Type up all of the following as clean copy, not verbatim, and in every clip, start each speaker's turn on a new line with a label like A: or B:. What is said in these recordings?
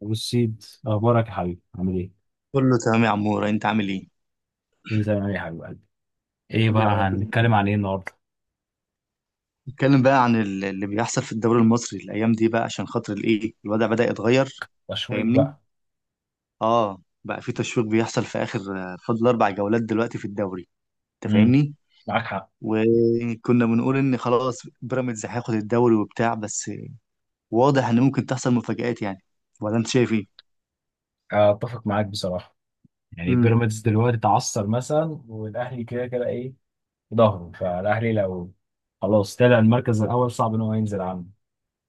A: والسيد اخبارك يا حبيبي؟ عامل ايه؟
B: كله تمام يا عمورة، انت عامل ايه؟
A: كل زي ما انا يا حبيب قلبي. ايه بقى
B: يا رب دايما.
A: هنتكلم عن ايه النهارده؟
B: نتكلم بقى عن اللي بيحصل في الدوري المصري الايام دي بقى، عشان خاطر الايه الوضع بدأ يتغير.
A: تشويق
B: فاهمني؟
A: بقى.
B: اه بقى في تشويق بيحصل في اخر. فاضل 4 جولات دلوقتي في الدوري. انت
A: امم
B: فاهمني؟
A: معاك حق.
B: وكنا بنقول ان خلاص بيراميدز هياخد الدوري وبتاع بس. واضح ان ممكن تحصل مفاجآت يعني. ولا انت شايف ايه؟
A: اتفق معاك بصراحه. يعني
B: امم.
A: بيراميدز دلوقتي اتعثر مثلا، والاهلي كده كده ايه في ظهره، فالاهلي لو خلاص طلع المركز الاول صعب ان هو ينزل عنه.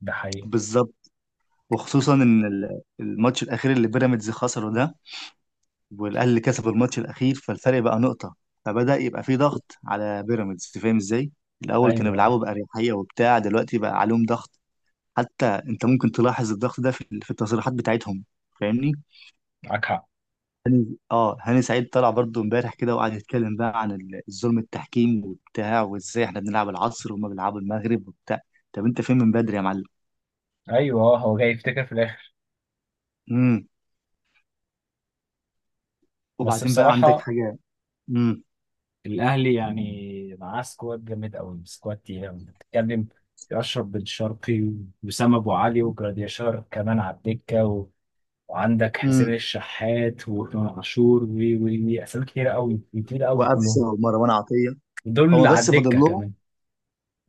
A: ده حقيقه.
B: بالظبط. وخصوصا ان الماتش الاخير اللي بيراميدز خسره ده، والاهلي اللي كسب الماتش الاخير، فالفرق بقى نقطه. فبدا يبقى في ضغط على بيراميدز، فاهم ازاي. الاول كانوا
A: ايوه،
B: بيلعبوا باريحيه وبتاع، دلوقتي بقى عليهم ضغط. حتى انت ممكن تلاحظ الضغط ده في التصريحات بتاعتهم. فاهمني.
A: معاك حق.
B: اه هاني سعيد طلع برضو امبارح كده وقعد يتكلم بقى عن الظلم التحكيم وبتاع، وازاي احنا بنلعب العصر وهما بيلعبوا المغرب وبتاع. طب انت فين من بدري يا معلم؟
A: ايوه هو جاي يفتكر في الاخر.
B: امم.
A: بس
B: وبعدين بقى عندك
A: بصراحه
B: حاجه؟ امم.
A: الاهلي يعني معاه سكواد جامد قوي، سكواد تقيل قوي. بتتكلم في اشرف بن شرقي واسامه ابو علي وجراديشار كمان على الدكه وعندك حسين
B: امم.
A: الشحات وامام عاشور و اسامي كتير قوي، كتير قوي
B: وقفشه
A: كلهم.
B: ومروان عطيه.
A: دول
B: هو
A: اللي على
B: بس فاضل
A: الدكه كمان.
B: لهم.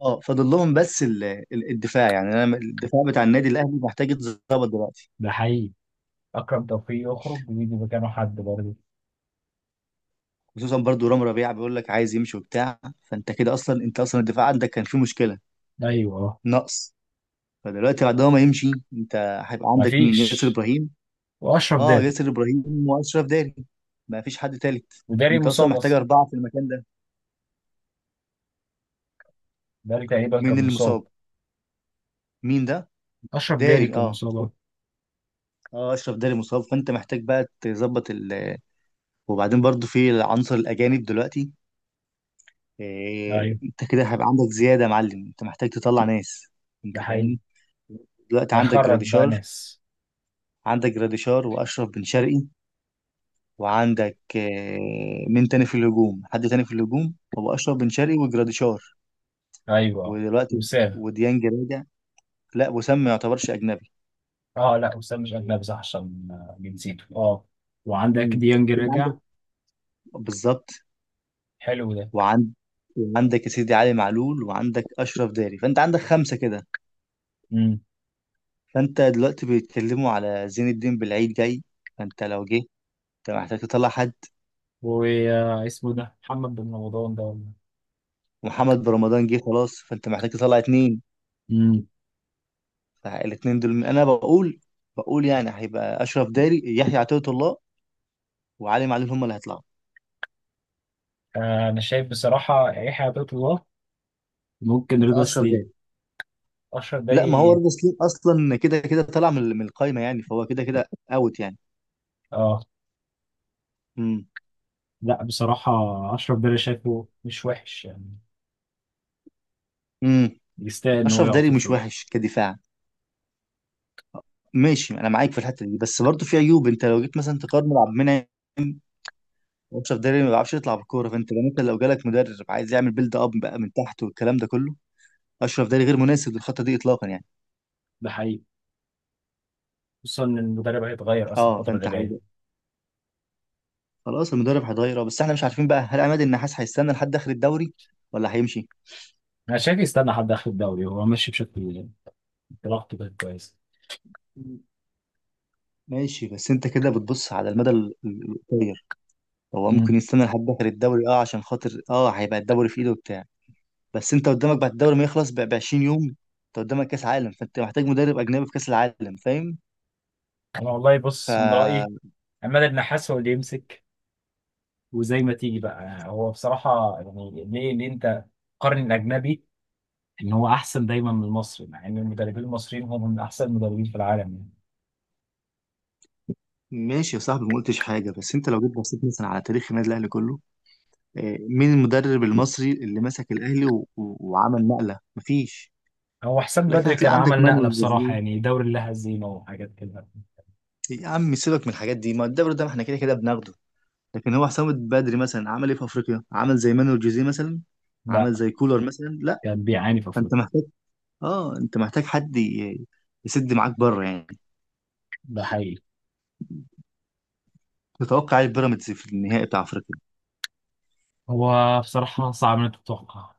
B: اه فاضل لهم، بس الدفاع يعني، انا الدفاع بتاع النادي الاهلي محتاج يتظبط دلوقتي.
A: ده حقيقي. اكرم توفيق يخرج ويجي مكانه حد برضه.
B: خصوصا برضو رام ربيعه بيقول لك عايز يمشي وبتاع، فانت كده اصلا، انت اصلا الدفاع عندك كان فيه مشكله.
A: ايوه،
B: نقص. فدلوقتي بعد ما يمشي، انت هيبقى عندك مين، ياسر
A: مفيش.
B: ابراهيم؟
A: واشرف
B: اه
A: داري.
B: ياسر ابراهيم واشرف داري، ما فيش حد تالت.
A: وداري
B: وانت اصلا
A: مصاب
B: محتاج
A: اصلا.
B: اربعه في المكان ده.
A: داري تقريبا كان
B: مين اللي
A: مصاب.
B: مصاب؟ مين ده؟
A: اشرف داري
B: داري،
A: كان
B: اه.
A: مصاب.
B: اه اشرف داري مصاب، فانت محتاج بقى تظبط. وبعدين برضو في العنصر الاجانب دلوقتي.
A: ايوه
B: انت كده هيبقى عندك زياده يا معلم، انت محتاج تطلع ناس.
A: ده
B: انت
A: حقيقي.
B: فاهمني. دلوقتي عندك
A: هيخرج بقى
B: جراديشار
A: ناس.
B: عندك جراديشار واشرف بن شرقي. وعندك مين تاني في الهجوم، حد تاني في الهجوم؟ هو اشرف بن شرقي وجراديشار.
A: ايوه،
B: ودلوقتي
A: وسام.
B: وديانج راجع. لا، وسام ما يعتبرش اجنبي.
A: اه لا، وسام مش اجنبي صح عشان جنسيته اه. وعندك
B: مم.
A: ديانج
B: انت عندك.
A: رجع.
B: بالظبط.
A: حلو ده.
B: وعند وعندك يا سيدي علي معلول، وعندك اشرف داري، فانت عندك خمسه كده.
A: امم
B: فانت دلوقتي بيتكلموا على زين الدين بالعيد جاي، فانت لو جه انت محتاج تطلع حد.
A: واسمه ده محمد بن رمضان ده ولا؟
B: ومحمد رمضان جه خلاص، فانت محتاج تطلع اتنين.
A: امم
B: فالاتنين دول انا بقول، يعني هيبقى اشرف داري، يحيى عطية الله، وعلي معلول هم اللي هيطلعوا.
A: آه انا شايف بصراحه يحيى عطية الله ممكن رضا
B: فاشرف
A: سليم.
B: داري.
A: اشرف
B: لا، ما هو
A: داري.
B: رضا سليم اصلا كده كده طلع من القايمه يعني، فهو كده كده اوت يعني.
A: اه
B: امم.
A: لا بصراحة، أشرف داري شايفه مش وحش يعني،
B: امم.
A: يستاهل إن هو
B: اشرف
A: يقعد
B: داري
A: في
B: مش
A: الفريق.
B: وحش كدفاع. ماشي انا معاك في الحته دي، بس برضه في عيوب، انت لو جيت مثلا تقارن عبد المنعم واشرف داري، ما بيعرفش يطلع بالكوره، فانت لو جالك مدرب عايز يعمل بيلد اب بقى من تحت والكلام ده كله، اشرف داري غير مناسب للخطه دي اطلاقا يعني.
A: ده حقيقي، خصوصا ان المدرب هيتغير اصلا
B: اه
A: الفتره اللي
B: فانت
A: جايه.
B: هيبقى خلاص، المدرب هيتغير، اه، بس احنا مش عارفين بقى هل عماد النحاس هيستنى لحد اخر الدوري ولا هيمشي؟
A: أنا شايف يستنى حد آخر الدوري، هو ماشي بشكل. إنطلاقته كانت كويسة.
B: ماشي، بس انت كده بتبص على المدى القصير. هو ممكن
A: مم.
B: يستنى لحد اخر الدوري، اه عشان خاطر اه هيبقى الدوري في ايده وبتاع. بس انت قدامك بعد الدوري ما يخلص ب 20 يوم، انت قدامك كاس عالم، فانت محتاج مدرب اجنبي في كاس العالم، فاهم.
A: انا والله
B: ف
A: بص من رايي عماد النحاس هو اللي يمسك، وزي ما تيجي بقى هو بصراحه يعني ليه؟ ليه انت قارن الاجنبي ان هو احسن دايما من المصري مع ان المدربين المصريين هم من احسن المدربين في العالم يعني؟
B: ماشي يا صاحبي، ما قلتش حاجه، بس انت لو جيت بصيت مثلا على تاريخ النادي الاهلي كله، مين المدرب المصري اللي مسك الاهلي وعمل نقله؟ مفيش.
A: هو حسام
B: لكن
A: بدري كان
B: هتلاقي عندك
A: عمل نقله
B: مانويل
A: بصراحه
B: جوزيه.
A: يعني، دوري لا هزيمه وحاجات كده.
B: يا عم سيبك من الحاجات دي، ما الدوري ده ما احنا كده كده بناخده، لكن هو حسام بدري مثلا عمل ايه في افريقيا؟ عمل زي مانويل جوزيه مثلا؟
A: لا،
B: عمل زي كولر مثلا؟ لا.
A: كان بيعاني في
B: فانت
A: افريقيا.
B: محتاج، اه انت محتاج حد يسد معاك بره يعني.
A: ده حقيقي.
B: تتوقع ايه بيراميدز في النهائي بتاع افريقيا؟
A: هو بصراحه صعب انك تتوقع.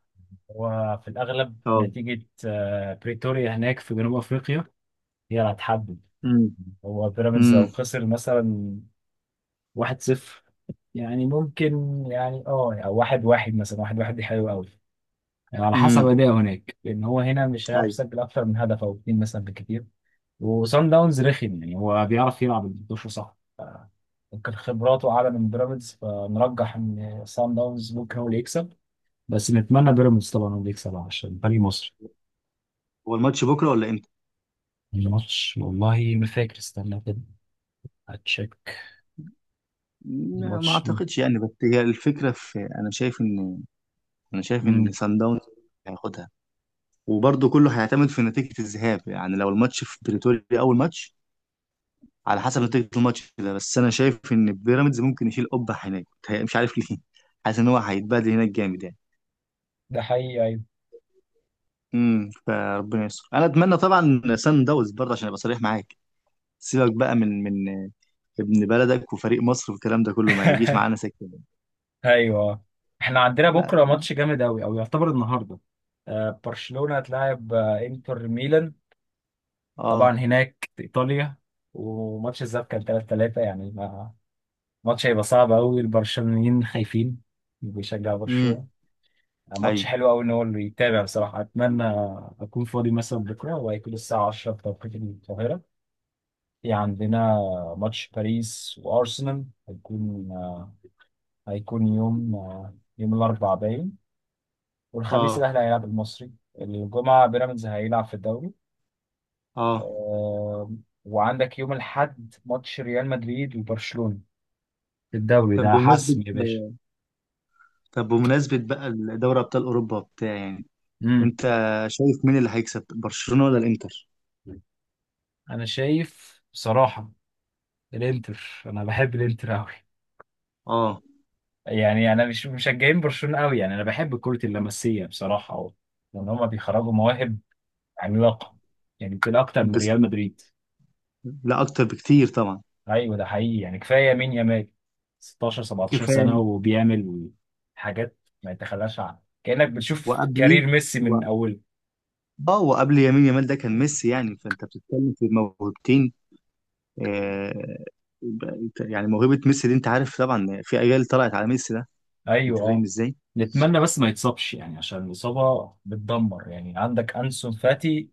A: هو في الاغلب
B: اه.
A: نتيجه بريتوريا هناك في جنوب افريقيا هي اللي هتحدد.
B: امم.
A: هو بيراميدز
B: امم.
A: لو خسر مثلا واحد صفر، يعني ممكن يعني اه يعني واحد واحد مثلا، واحد واحد دي حلوة قوي. يعني على حسب
B: امم.
A: اداء هناك، لأن هو هنا مش هيعرف
B: ايوه.
A: يسجل أكتر من هدف أو اتنين مثلا بالكتير. وصن داونز رخم، يعني هو بيعرف يلعب ال 11 صح. ممكن خبراته أعلى من بيراميدز، فنرجح إن صن داونز ممكن هو اللي يكسب. بس نتمنى بيراميدز طبعا هو اللي يكسب عشان فريق مصر.
B: هو الماتش بكره ولا امتى؟
A: الماتش والله ما فاكر، استنى كده هتشيك.
B: ما
A: الماتش.
B: اعتقدش يعني، بس هي الفكره في، انا شايف ان
A: مم.
B: سان داونز هياخدها. وبرضه كله هيعتمد في نتيجة الذهاب يعني، لو الماتش في بريتوريا أول ماتش، على حسب نتيجة الماتش ده. بس أنا شايف إن بيراميدز ممكن يشيل قبة هناك، مش عارف ليه حاسس إن هو هيتبهدل هناك جامد يعني.
A: ده حقيقي، أيوة.
B: امم. فربنا يستر، أنا أتمنى طبعا سان داونز برضه عشان أبقى صريح معاك. سيبك بقى من ابن بلدك وفريق مصر والكلام ده كله ما يجيش معانا سكة.
A: ايوه، احنا عندنا
B: لا.
A: بكره ماتش جامد قوي، او يعتبر النهارده. برشلونه هتلاعب انتر ميلان، طبعا
B: اه.
A: هناك في ايطاليا. وماتش الذهاب كان 3 3، يعني ماتش هيبقى صعب قوي. البرشلونيين خايفين، بيشجعوا
B: امم.
A: برشلونه.
B: ايوه.
A: ماتش حلو قوي ان هو اللي يتابع بصراحه. اتمنى اكون فاضي مثلا بكره، وهيكون الساعه 10 بتوقيت القاهره. في عندنا ماتش باريس وارسنال، هيكون هيكون يوم يوم الاربعاء باين. والخميس
B: اه.
A: الأهلي هيلعب المصري، الجمعة بيراميدز هيلعب في الدوري.
B: اه.
A: آه، وعندك يوم الأحد ماتش ريال مدريد وبرشلونة في الدوري،
B: طب
A: ده حسم
B: بمناسبة
A: يا باشا.
B: طب بمناسبة بقى دوري أبطال أوروبا وبتاع يعني.
A: امم
B: انت شايف مين اللي هيكسب، برشلونة ولا الانتر؟
A: أنا شايف بصراحة الإنتر، أنا بحب الإنتر أوي.
B: اه.
A: يعني أنا مش مشجعين برشلونة أوي، يعني أنا بحب كرة اللمسية بصراحة أوي، لأن هما بيخرجوا مواهب عملاقة يعني، يمكن أكتر من
B: بس
A: ريال مدريد.
B: لا، اكتر بكتير طبعا.
A: ايوه ده حقيقي، يعني كفايه مين؟ يامال 16 17 سنه
B: كفاية.
A: وبيعمل حاجات ما يتخلاش عنها، كانك بتشوف
B: وقبلي،
A: كارير ميسي
B: و...
A: من اوله.
B: اه وقبل يمين يامال ده كان ميسي يعني، فانت بتتكلم في موهبتين. آه... ب- يعني موهبة ميسي دي انت عارف طبعا، في اجيال طلعت على ميسي ده. انت
A: ايوه
B: فاهم
A: اه،
B: ازاي.
A: نتمنى بس ما يتصابش يعني، عشان الاصابه بتدمر. يعني عندك انسون فاتي،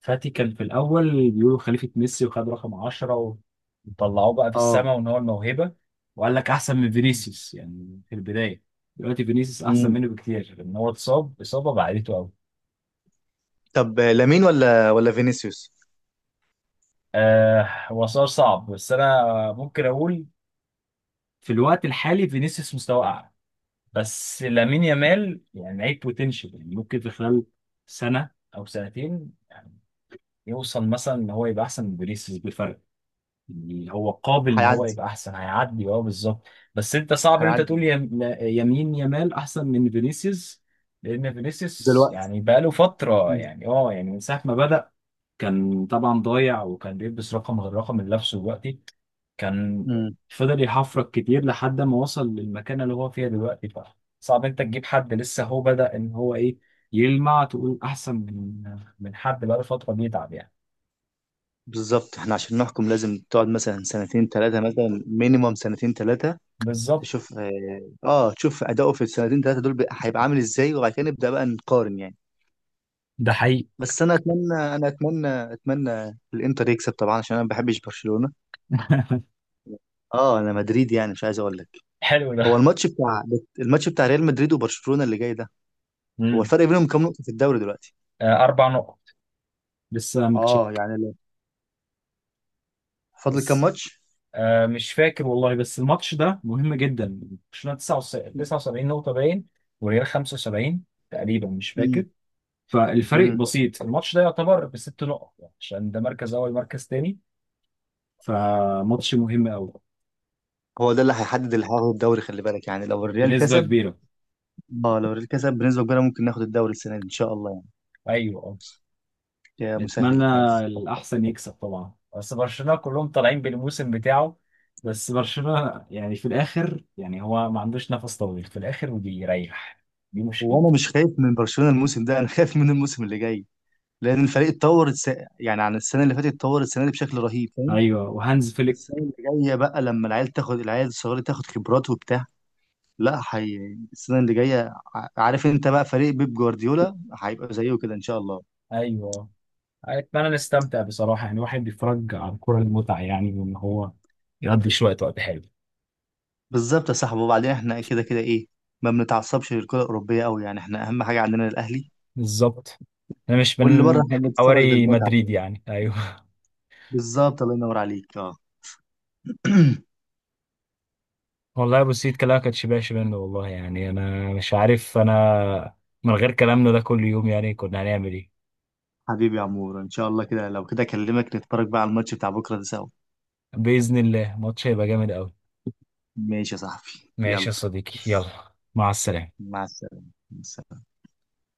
A: فاتي كان في الاول بيقولوا خليفه ميسي وخد رقم 10، وطلعوه بقى في
B: اه.
A: السماء وان هو الموهبه، وقال لك احسن من فينيسيوس يعني في البدايه. دلوقتي فينيسيوس احسن
B: مم.
A: منه بكتير، لان هو اتصاب اصابه بعدته قوي.
B: طب لامين ولا فينيسيوس؟
A: آه هو سؤال صعب، بس انا ممكن اقول في الوقت الحالي فينيسيوس مستواه اعلى. بس لامين يامال يعني لعيب بوتنشال، يعني ممكن في خلال سنه او سنتين يعني يوصل مثلا ان هو يبقى احسن من فينيسيوس بفرق. يعني هو قابل ان هو
B: هيعدي.
A: يبقى احسن، هيعدي اه بالظبط. بس انت صعب ان انت تقول
B: هيعدي.
A: يمين يامال احسن من فينيسيوس، لان فينيسيوس
B: دلوقتي.
A: يعني بقاله فتره
B: مم.
A: يعني اه، يعني من ساعه ما بدأ كان طبعا ضايع، وكان بيلبس رقم غير رقم اللي لابسه دلوقتي. كان
B: مم.
A: فضل يحفرك كتير لحد ما وصل للمكان اللي هو فيها دلوقتي. بقى صعب انت تجيب حد لسه هو بدأ ان هو ايه يلمع، تقول احسن من من حد بقاله فترة بيتعب يعني.
B: بالظبط، احنا عشان نحكم لازم تقعد مثلا سنتين ثلاثة، مثلا مينيموم سنتين ثلاثة.
A: بالظبط،
B: تشوف، اه تشوف أداؤه في السنتين ثلاثة دول بقى، هيبقى عامل ازاي، وبعد كده نبدأ بقى نقارن يعني.
A: ده حقيقي.
B: بس انا اتمنى الانتر يكسب طبعا عشان انا ما بحبش برشلونة. اه، انا مدريد يعني مش عايز اقول لك.
A: حلو
B: هو
A: ده.
B: الماتش بتاع الماتش بتاع ريال مدريد وبرشلونة اللي جاي ده، هو
A: امم
B: الفرق بينهم كام نقطة في الدوري دلوقتي؟
A: آه اربع نقط، لسه
B: اه
A: متشك
B: يعني لو، فاضل كام
A: بس.
B: ماتش؟
A: آه مش فاكر والله، بس الماتش ده مهم جدا. برشلونة 79 نقطة باين، والريال 75 تقريبا مش
B: امم.
A: فاكر. فالفرق
B: امم.
A: بسيط، الماتش ده يعتبر بست نقط يعني، عشان ده مركز اول مركز تاني. فماتش مهم قوي.
B: هو ده اللي هيحدد اللي هياخد الدوري، خلي بالك يعني لو الريال
A: بنسبة
B: كسب.
A: كبيرة.
B: اه لو الريال كسب بنسبه كبيره ممكن ناخد الدوري السنه دي ان شاء الله.
A: ايوه اه،
B: يعني يا مسهل
A: نتمنى
B: الحال.
A: الأحسن يكسب طبعا. بس برشلونه كلهم طالعين بالموسم بتاعه، بس برشلونه يعني في الاخر يعني هو ما عندوش نفس طويل في الاخر وبيريح، دي
B: وانا
A: مشكلته.
B: مش خايف من برشلونه الموسم ده، انا خايف من الموسم اللي جاي، لان الفريق اتطور يعني عن السنه اللي فاتت، اتطور السنه دي بشكل رهيب، فاهم.
A: أيوة، وهانز
B: بس
A: فليك.
B: السنه اللي جايه بقى، لما العيال الصغيره تاخد خبرات وبتاع، لا حي... السنه اللي جايه عارف انت بقى، فريق بيب جوارديولا هيبقى زيه كده ان شاء الله.
A: ايوه، اتمنى نستمتع بصراحه، يعني الواحد بيتفرج على الكوره المتعه يعني، وان هو يقضي شويه وقت حلو.
B: بالظبط يا صاحبي، وبعدين احنا كده كده ايه، ما بنتعصبش للكره الاوروبيه قوي يعني، احنا اهم حاجه عندنا الاهلي.
A: بالظبط، انا مش
B: واللي بره
A: من
B: احنا بنتفرج
A: حواري
B: للمتعه.
A: مدريد يعني، ايوه.
B: بالظبط، الله ينور عليك، اه.
A: والله يا ابو سيد كلامك ما كانش منه والله، يعني انا مش عارف انا من غير كلامنا ده كل يوم يعني كنا هنعمل ايه؟
B: حبيبي يا عمور، ان شاء الله كده لو كده اكلمك نتفرج بقى على الماتش بتاع بكره ده سوا.
A: باذن الله ماتش هيبقى جامد قوي.
B: ماشي يا صاحبي،
A: ماشي
B: يلا،
A: يا صديقي، يلا مع السلامه.
B: مع السلامه. مع السلامة.